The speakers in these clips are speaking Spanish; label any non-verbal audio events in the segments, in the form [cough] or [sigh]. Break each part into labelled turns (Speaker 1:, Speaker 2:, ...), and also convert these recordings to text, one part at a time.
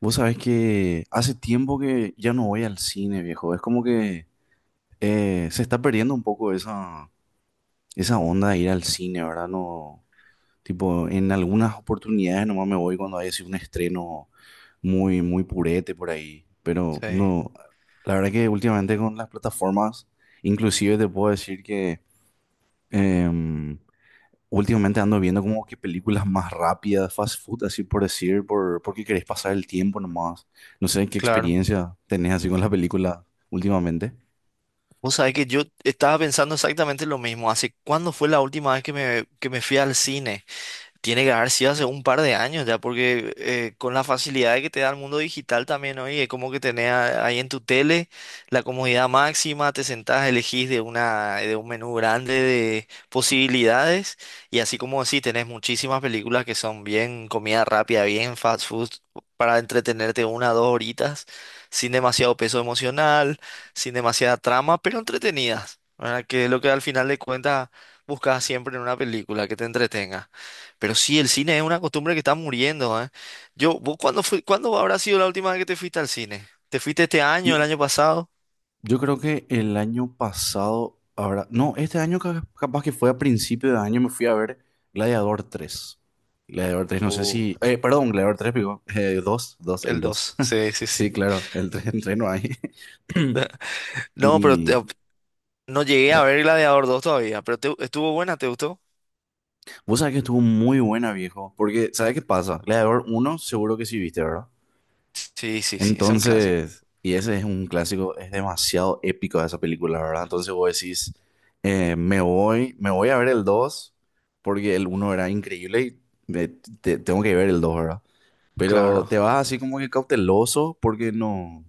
Speaker 1: Vos sabés que hace tiempo que ya no voy al cine, viejo. Es como que se está perdiendo un poco esa onda de ir al cine, ¿verdad? No, tipo, en algunas oportunidades nomás me voy cuando hay así un estreno muy, muy purete por ahí. Pero
Speaker 2: Sí,
Speaker 1: no, la verdad que últimamente con las plataformas, inclusive te puedo decir que em, últimamente ando viendo como que películas más rápidas, fast food, así por decir, porque querés pasar el tiempo nomás. No sé qué
Speaker 2: claro.
Speaker 1: experiencia tenés así con la película últimamente.
Speaker 2: Vos sabés que yo estaba pensando exactamente lo mismo. ¿Hace cuándo fue la última vez que me fui al cine? Tiene que haber sido hace un par de años ya, porque con la facilidad que te da el mundo digital también hoy, es como que tenés ahí en tu tele la comodidad máxima, te sentás, elegís de un menú grande de posibilidades, y así como decís, tenés muchísimas películas que son bien comida rápida, bien fast food, para entretenerte una o dos horitas, sin demasiado peso emocional, sin demasiada trama, pero entretenidas, ¿verdad? Que es lo que al final de cuentas buscas siempre en una película, que te entretenga. Pero sí, el cine es una costumbre que está muriendo, ¿eh? Yo, ¿vos cuándo cuándo habrá sido la última vez que te fuiste al cine? ¿Te fuiste este año, el
Speaker 1: Y
Speaker 2: año pasado?
Speaker 1: yo creo que el año pasado, ahora, no, este año capaz que fue a principio de año, me fui a ver Gladiador tres. Gladiador tres no sé
Speaker 2: Uh,
Speaker 1: si... perdón, Gladiador tres digo, dos, 2, el
Speaker 2: ¿el
Speaker 1: dos.
Speaker 2: 2?
Speaker 1: [laughs]
Speaker 2: Sí, sí, sí.
Speaker 1: Sí, claro, el tres, el 3 no hay. [clears throat]
Speaker 2: [laughs] No, pero
Speaker 1: Y...
Speaker 2: no llegué a
Speaker 1: eh,
Speaker 2: ver Gladiador 2 todavía, pero estuvo buena, ¿te gustó?
Speaker 1: vos sabés que estuvo muy buena, viejo. Porque, ¿sabés qué pasa? Gladiador uno, seguro que sí viste, ¿verdad?
Speaker 2: Sí, sí, sí, es un clásico.
Speaker 1: Entonces, y ese es un clásico, es demasiado épico esa película, ¿verdad? Entonces vos decís, me voy a ver el 2, porque el uno era increíble y tengo que ver el 2, ¿verdad? Pero
Speaker 2: Claro,
Speaker 1: te vas así como que cauteloso, porque no.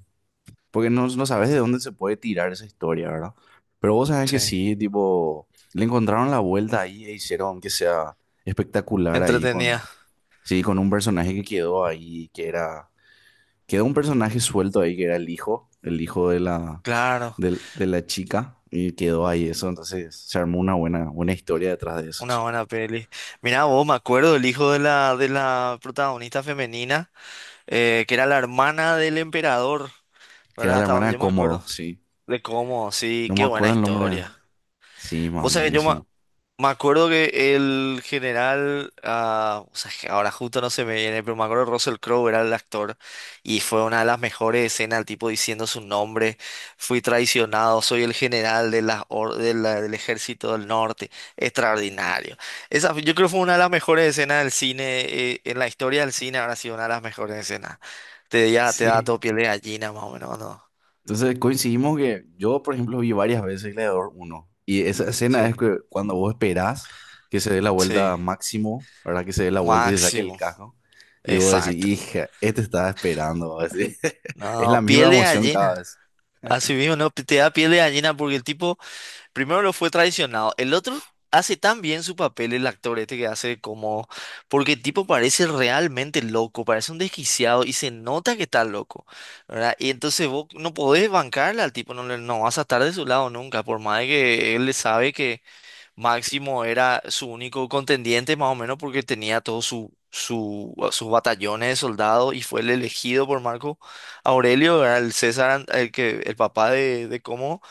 Speaker 1: Porque no, no sabes de dónde se puede tirar esa historia, ¿verdad? Pero vos sabés que
Speaker 2: sí.
Speaker 1: sí, tipo, le encontraron la vuelta ahí e hicieron que sea espectacular ahí con,
Speaker 2: Entretenida,
Speaker 1: sí, con un personaje que quedó ahí, que era, quedó un personaje suelto ahí, que era el hijo de la,
Speaker 2: claro,
Speaker 1: del- de, la chica, y quedó ahí eso, entonces se armó una buena, buena historia detrás de eso, che.
Speaker 2: una buena peli. Mira, vos, me acuerdo del hijo de la protagonista femenina, que era la hermana del emperador,
Speaker 1: Que era
Speaker 2: ¿verdad?
Speaker 1: la
Speaker 2: Hasta
Speaker 1: hermana
Speaker 2: donde
Speaker 1: de
Speaker 2: yo me
Speaker 1: Cómodo,
Speaker 2: acuerdo.
Speaker 1: sí.
Speaker 2: De cómo, sí,
Speaker 1: No me
Speaker 2: qué buena
Speaker 1: acuerdo el nombre.
Speaker 2: historia.
Speaker 1: Sí,
Speaker 2: Vos
Speaker 1: man,
Speaker 2: sabés, yo me,
Speaker 1: buenísimo.
Speaker 2: me acuerdo que el general, o sea, que ahora justo no se me viene, pero me acuerdo que Russell Crowe era el actor y fue una de las mejores escenas, el tipo diciendo su nombre: fui traicionado, soy el general de las or- de la- del ejército del norte, extraordinario. Esa, yo creo que fue una de las mejores escenas del cine, en la historia del cine habrá sido una de las mejores escenas. Te da todo
Speaker 1: Sí.
Speaker 2: piel de gallina más o menos, ¿no?
Speaker 1: Entonces coincidimos que yo, por ejemplo, vi varias veces Gladiador uno y esa escena es
Speaker 2: Sí.
Speaker 1: que cuando vos esperás que se dé la vuelta
Speaker 2: Sí.
Speaker 1: a Máximo, ¿verdad? Que se dé la vuelta y se saque el
Speaker 2: Máximo,
Speaker 1: casco y vos decís,
Speaker 2: exacto.
Speaker 1: hija, este estaba esperando así. [laughs] Es la
Speaker 2: No,
Speaker 1: misma
Speaker 2: piel de
Speaker 1: emoción cada
Speaker 2: gallina.
Speaker 1: vez.
Speaker 2: Así mismo, no, te da piel de gallina porque el tipo primero lo fue traicionado. El otro hace tan bien su papel, el actor este que hace como... Porque el tipo parece realmente loco, parece un desquiciado y se nota que está loco, ¿verdad? Y entonces vos no podés bancarle al tipo, no, no vas a estar de su lado nunca, por más de que él le sabe que Máximo era su único contendiente, más o menos, porque tenía todos su, sus batallones de soldados y fue el elegido por Marco Aurelio, era el César, el que, el papá de cómo.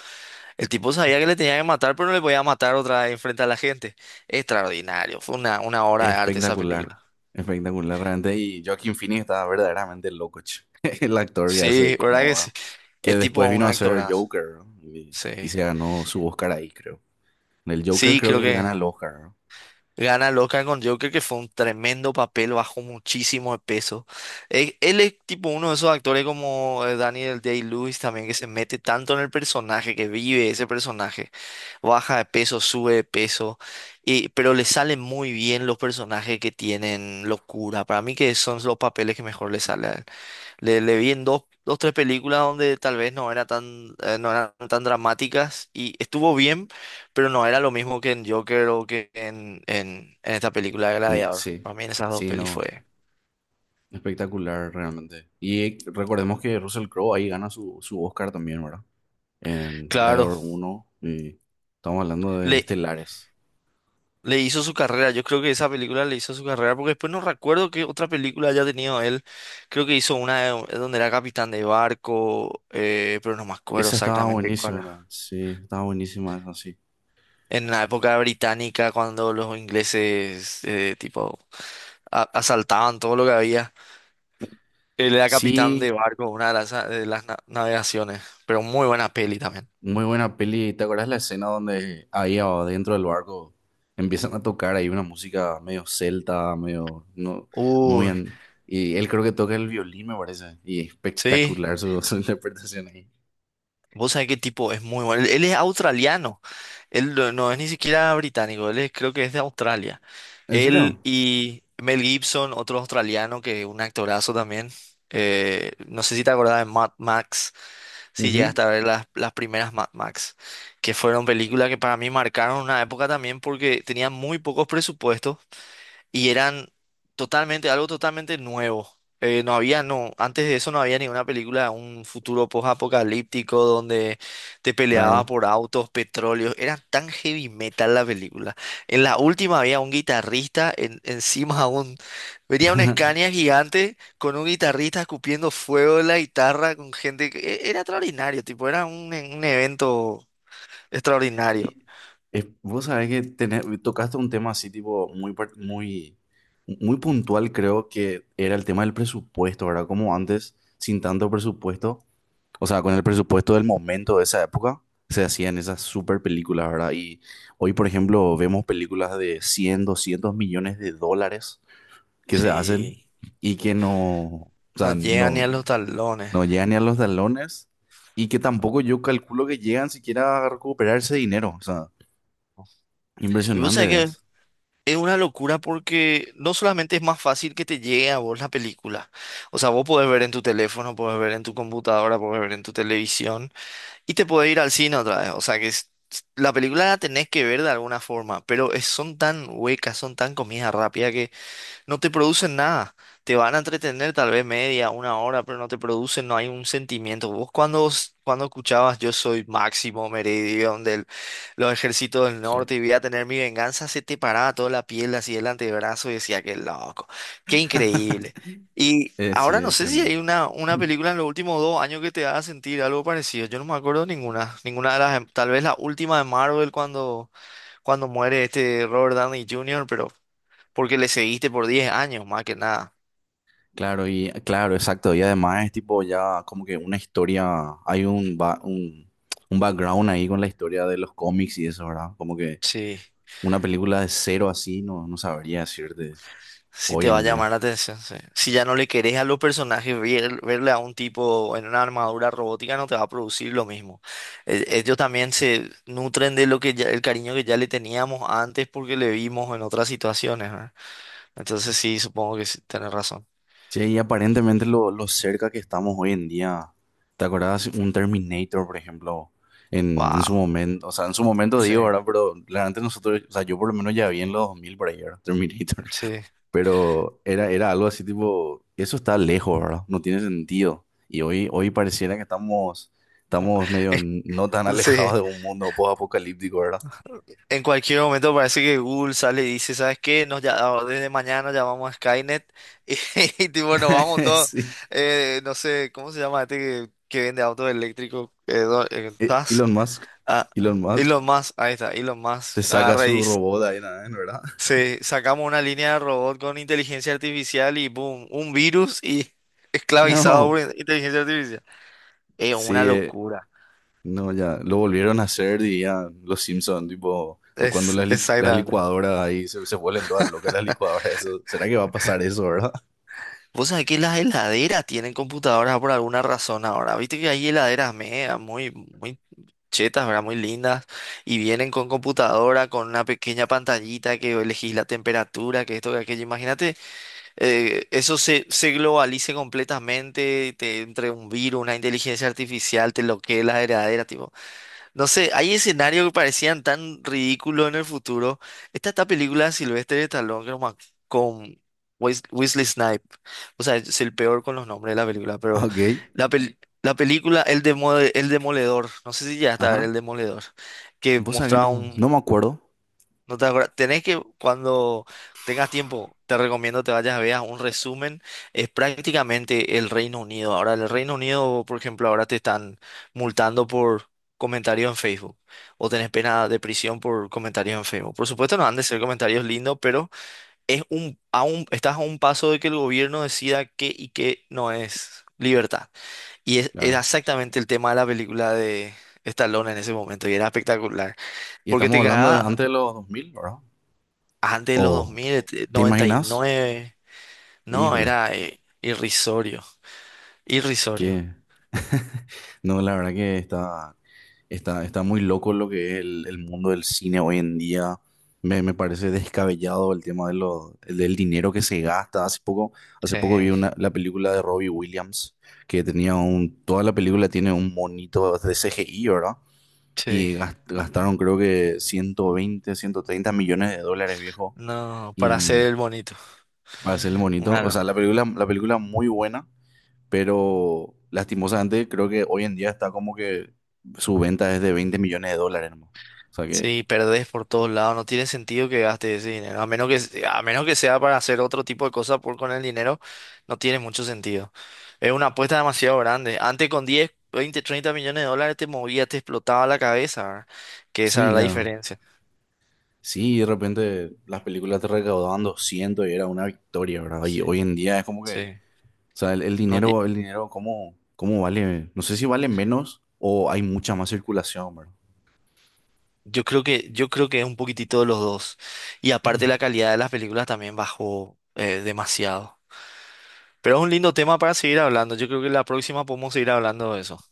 Speaker 2: El tipo sabía que le tenía que matar, pero no le podía matar otra vez enfrente a la gente. Extraordinario, fue una
Speaker 1: Es
Speaker 2: obra de arte esa
Speaker 1: espectacular,
Speaker 2: película.
Speaker 1: espectacular realmente. Y Joaquin Phoenix estaba verdaderamente loco, che. [laughs] El actor que hace de
Speaker 2: Sí, ¿verdad que sí?
Speaker 1: Comodoro, que
Speaker 2: El tipo,
Speaker 1: después
Speaker 2: un
Speaker 1: vino a
Speaker 2: increíble
Speaker 1: ser
Speaker 2: actorazo.
Speaker 1: Joker, ¿no?
Speaker 2: Sí.
Speaker 1: Y se ganó su Oscar ahí, creo. En el Joker
Speaker 2: Sí,
Speaker 1: creo
Speaker 2: creo
Speaker 1: que él
Speaker 2: que.
Speaker 1: gana el Oscar, ¿no?
Speaker 2: Gana loca con Joker, que fue un tremendo papel, bajó muchísimo de peso. Él, es tipo uno de esos actores como Daniel Day-Lewis también, que se mete tanto en el personaje, que vive ese personaje. Baja de peso, sube de peso, pero le salen muy bien los personajes que tienen locura. Para mí que son los papeles que mejor le salen. Le vi en dos, dos, tres películas donde tal vez no era tan, no eran tan dramáticas y estuvo bien, pero no era lo mismo que en Joker o que en, en esta película de Gladiador.
Speaker 1: Sí,
Speaker 2: Para mí en esas dos
Speaker 1: sí,
Speaker 2: pelis
Speaker 1: no.
Speaker 2: fue...
Speaker 1: Espectacular realmente. Y recordemos que Russell Crowe ahí gana su Oscar también, ¿verdad? En
Speaker 2: Claro,
Speaker 1: Gladiador uno. Y estamos hablando de
Speaker 2: le,
Speaker 1: estelares.
Speaker 2: le hizo su carrera, yo creo que esa película le hizo su carrera, porque después no recuerdo qué otra película haya tenido él. Creo que hizo donde era capitán de barco, pero no me acuerdo
Speaker 1: Esa estaba
Speaker 2: exactamente cuál
Speaker 1: buenísima
Speaker 2: era.
Speaker 1: también. Sí, estaba buenísima esa, sí.
Speaker 2: En la época británica, cuando los ingleses, tipo... asaltaban todo lo que había. Él era capitán de
Speaker 1: Sí,
Speaker 2: barco, una de las, navegaciones, pero muy buena peli también.
Speaker 1: muy buena peli. ¿Te acuerdas la escena donde ahí adentro del barco empiezan a tocar ahí una música medio celta, medio... No, muy...
Speaker 2: Uy,
Speaker 1: y él creo que toca el violín, me parece. Y
Speaker 2: sí,
Speaker 1: espectacular [laughs] su interpretación ahí.
Speaker 2: vos sabés qué tipo, es muy bueno. Él es australiano, él no es ni siquiera británico, creo que es de Australia.
Speaker 1: ¿En serio?
Speaker 2: Él y Mel Gibson, otro australiano que es un actorazo también. No sé si te acordás de Mad Max, si
Speaker 1: Ujú,
Speaker 2: llegaste a ver las, primeras Mad Max, que fueron películas que para mí marcaron una época también porque tenían muy pocos presupuestos y eran algo totalmente nuevo. No, antes de eso no había ninguna película, un futuro post-apocalíptico donde te peleaba
Speaker 1: claro.
Speaker 2: por autos, petróleo, era tan heavy metal la película. En la última había un guitarrista encima de un, venía un
Speaker 1: [laughs]
Speaker 2: Scania gigante con un guitarrista escupiendo fuego de la guitarra con gente, era extraordinario, tipo, era un evento extraordinario.
Speaker 1: Y vos sabés que tocaste un tema así, tipo, muy, muy, muy puntual, creo que era el tema del presupuesto, ¿verdad? Como antes, sin tanto presupuesto, o sea, con el presupuesto del momento de esa época, se hacían esas super películas, ¿verdad? Y hoy, por ejemplo, vemos películas de 100, 200 millones de dólares que se hacen
Speaker 2: Sí.
Speaker 1: y que no, o
Speaker 2: No
Speaker 1: sea,
Speaker 2: llega ni
Speaker 1: no.
Speaker 2: a los talones.
Speaker 1: No llegan ni a los talones y que tampoco yo calculo que llegan siquiera a recuperar ese dinero. O sea,
Speaker 2: Y vos
Speaker 1: impresionante
Speaker 2: sabés,
Speaker 1: es.
Speaker 2: es una locura porque no solamente es más fácil que te llegue a vos la película, o sea, vos podés ver en tu teléfono, podés ver en tu computadora, podés ver en tu televisión y te podés ir al cine otra vez, o sea que la película la tenés que ver de alguna forma, pero son tan huecas, son tan comida rápida, no te producen nada. Te van a entretener tal vez media, una hora, pero no te producen, no hay un sentimiento. Vos cuando, escuchabas yo soy Máximo Meridión de los ejércitos del
Speaker 1: Sí.
Speaker 2: norte y voy a tener mi venganza, se te paraba toda la piel así el antebrazo y decía, qué loco, qué increíble.
Speaker 1: [laughs]
Speaker 2: Y
Speaker 1: Sí,
Speaker 2: ahora no
Speaker 1: es
Speaker 2: sé si
Speaker 1: tremendo.
Speaker 2: hay
Speaker 1: [clears throat]
Speaker 2: una película en los últimos 2 años que te haga sentir algo parecido. Yo no me acuerdo ninguna, tal vez la última de Marvel cuando, muere este Robert Downey Jr., pero... Porque le seguiste por 10 años, más que nada.
Speaker 1: Claro, y claro, exacto. Y además es tipo ya como que una historia, hay un, ba- un background ahí con la historia de los cómics y eso, ¿verdad? Como que
Speaker 2: Sí,
Speaker 1: una película de cero así no, no sabría decirte
Speaker 2: sí
Speaker 1: hoy
Speaker 2: te va a
Speaker 1: en día.
Speaker 2: llamar la atención. Sí. Si ya no le querés a los personajes, verle a un tipo en una armadura robótica no te va a producir lo mismo. Ellos también se nutren de lo que el cariño que ya le teníamos antes porque le vimos en otras situaciones, ¿verdad? Entonces sí, supongo que sí, tenés razón.
Speaker 1: Che, y aparentemente lo cerca que estamos hoy en día. ¿Te acordás un Terminator, por ejemplo? En su
Speaker 2: Wow.
Speaker 1: momento, o sea, en su momento
Speaker 2: Sí,
Speaker 1: digo, ¿verdad? Pero realmente nosotros, o sea, yo por lo menos ya vi en los 2000 por ahí, ¿verdad? Terminator.
Speaker 2: sí.
Speaker 1: [laughs] Pero era, era algo así tipo, eso está lejos, ¿verdad? No tiene sentido. Y hoy, hoy pareciera que estamos, estamos medio
Speaker 2: [laughs]
Speaker 1: no tan [laughs] alejados
Speaker 2: Sí.
Speaker 1: de un mundo post-apocalíptico, ¿verdad?
Speaker 2: En cualquier momento parece que Google sale y dice, ¿sabes qué? Nos ya, desde mañana llamamos a Skynet [laughs] tipo nos vamos
Speaker 1: [laughs]
Speaker 2: todos,
Speaker 1: Sí.
Speaker 2: no sé, ¿cómo se llama este que vende autos eléctricos? Tusk.
Speaker 1: Elon Musk,
Speaker 2: Ah,
Speaker 1: Elon
Speaker 2: ah,
Speaker 1: Musk,
Speaker 2: Elon Musk, ahí está, Elon Musk.
Speaker 1: te saca
Speaker 2: Agarra y
Speaker 1: su
Speaker 2: dice,
Speaker 1: robot ahí, ¿verdad?
Speaker 2: sacamos una línea de robot con inteligencia artificial y boom, un virus y [laughs]
Speaker 1: [laughs]
Speaker 2: esclavizado
Speaker 1: No.
Speaker 2: por inteligencia artificial. Es una
Speaker 1: Sí,
Speaker 2: locura.
Speaker 1: no, ya, lo volvieron a hacer, diría los Simpsons, tipo, cuando
Speaker 2: Es
Speaker 1: las
Speaker 2: exactamente.
Speaker 1: licuadoras ahí se vuelven todas locas las licuadoras, eso, ¿será que va a pasar eso, verdad? [laughs]
Speaker 2: Vos sabés que las heladeras tienen computadoras por alguna razón ahora. Viste que hay heladeras mega, muy, muy chetas, ¿verdad? Muy lindas. Y vienen con computadora, con una pequeña pantallita que elegís la temperatura, que esto, que aquello. Imagínate, eso se globalice completamente, te entre un virus, una inteligencia artificial, te bloquee la heladera, tipo. No sé, hay escenarios que parecían tan ridículos en el futuro. Esta película de Sylvester Stallone que no me ac- con Wesley Snipe. O sea, es el peor con los nombres de la película,
Speaker 1: Ah,
Speaker 2: pero
Speaker 1: ok,
Speaker 2: la, pel- la película El Demo- El Demoledor, no sé si ya está,
Speaker 1: ajá,
Speaker 2: El Demoledor, que
Speaker 1: vos sabés que
Speaker 2: mostraba
Speaker 1: no, no
Speaker 2: un...
Speaker 1: me acuerdo,
Speaker 2: No te acuerdas. Tenés que, cuando tengas tiempo, te recomiendo te vayas a ver un resumen. Es prácticamente el Reino Unido. Ahora, el Reino Unido, por ejemplo, ahora te están multando por comentarios en Facebook. O tenés pena de prisión por comentarios en Facebook. Por supuesto, no han de ser comentarios lindos, pero es un, a un, estás a un paso de que el gobierno decida qué y qué no es libertad. Y es
Speaker 1: claro,
Speaker 2: exactamente el tema de la película de Stallone en ese momento. Y era espectacular.
Speaker 1: y
Speaker 2: Porque
Speaker 1: estamos
Speaker 2: te
Speaker 1: hablando de
Speaker 2: cagaba.
Speaker 1: antes de los 2000, ¿verdad?
Speaker 2: Antes de los dos
Speaker 1: ¿O
Speaker 2: mil,
Speaker 1: te
Speaker 2: noventa y
Speaker 1: imaginas?
Speaker 2: nueve, No,
Speaker 1: Híjole,
Speaker 2: era irrisorio. Irrisorio.
Speaker 1: ¿qué? No, la verdad que está, está, está muy loco lo que es el mundo del cine hoy en día. Me parece descabellado el tema de lo, el del dinero que se gasta. Hace poco vi
Speaker 2: Sí,
Speaker 1: una, la película de Robbie Williams, que tenía un, toda la película tiene un monito de CGI, ¿verdad?
Speaker 2: sí.
Speaker 1: Y gastaron creo que 120, 130 millones de dólares, viejo.
Speaker 2: No, para hacer
Speaker 1: Y
Speaker 2: el bonito.
Speaker 1: para hacer el monito, o
Speaker 2: Claro.
Speaker 1: sea, la película muy buena, pero lastimosamente creo que hoy en día está como que su venta es de 20 millones de dólares, nomás. O sea que
Speaker 2: Sí, perdés por todos lados. No tiene sentido que gastes ese dinero. A menos que, sea para hacer otro tipo de cosas por con el dinero, no tiene mucho sentido. Es una apuesta demasiado grande. Antes con 10, 20, 30 millones de dólares te movías, te explotaba la cabeza, ¿verdad? Que esa
Speaker 1: sí,
Speaker 2: era la
Speaker 1: ya.
Speaker 2: diferencia.
Speaker 1: Sí, de repente las películas te recaudaban 200 y era una victoria, ¿verdad? Y
Speaker 2: Sí,
Speaker 1: hoy en día es como que, o
Speaker 2: sí.
Speaker 1: sea,
Speaker 2: No,
Speaker 1: el dinero, ¿cómo, cómo vale? No sé si vale menos o hay mucha más circulación, ¿verdad?
Speaker 2: yo creo que es un poquitito de los dos. Y aparte la calidad de las películas también bajó demasiado. Pero es un lindo tema para seguir hablando. Yo creo que la próxima podemos seguir hablando de eso.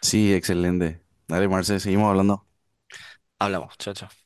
Speaker 1: Sí, excelente. Dale, Marce, seguimos hablando.
Speaker 2: Hablamos. Chao, chao.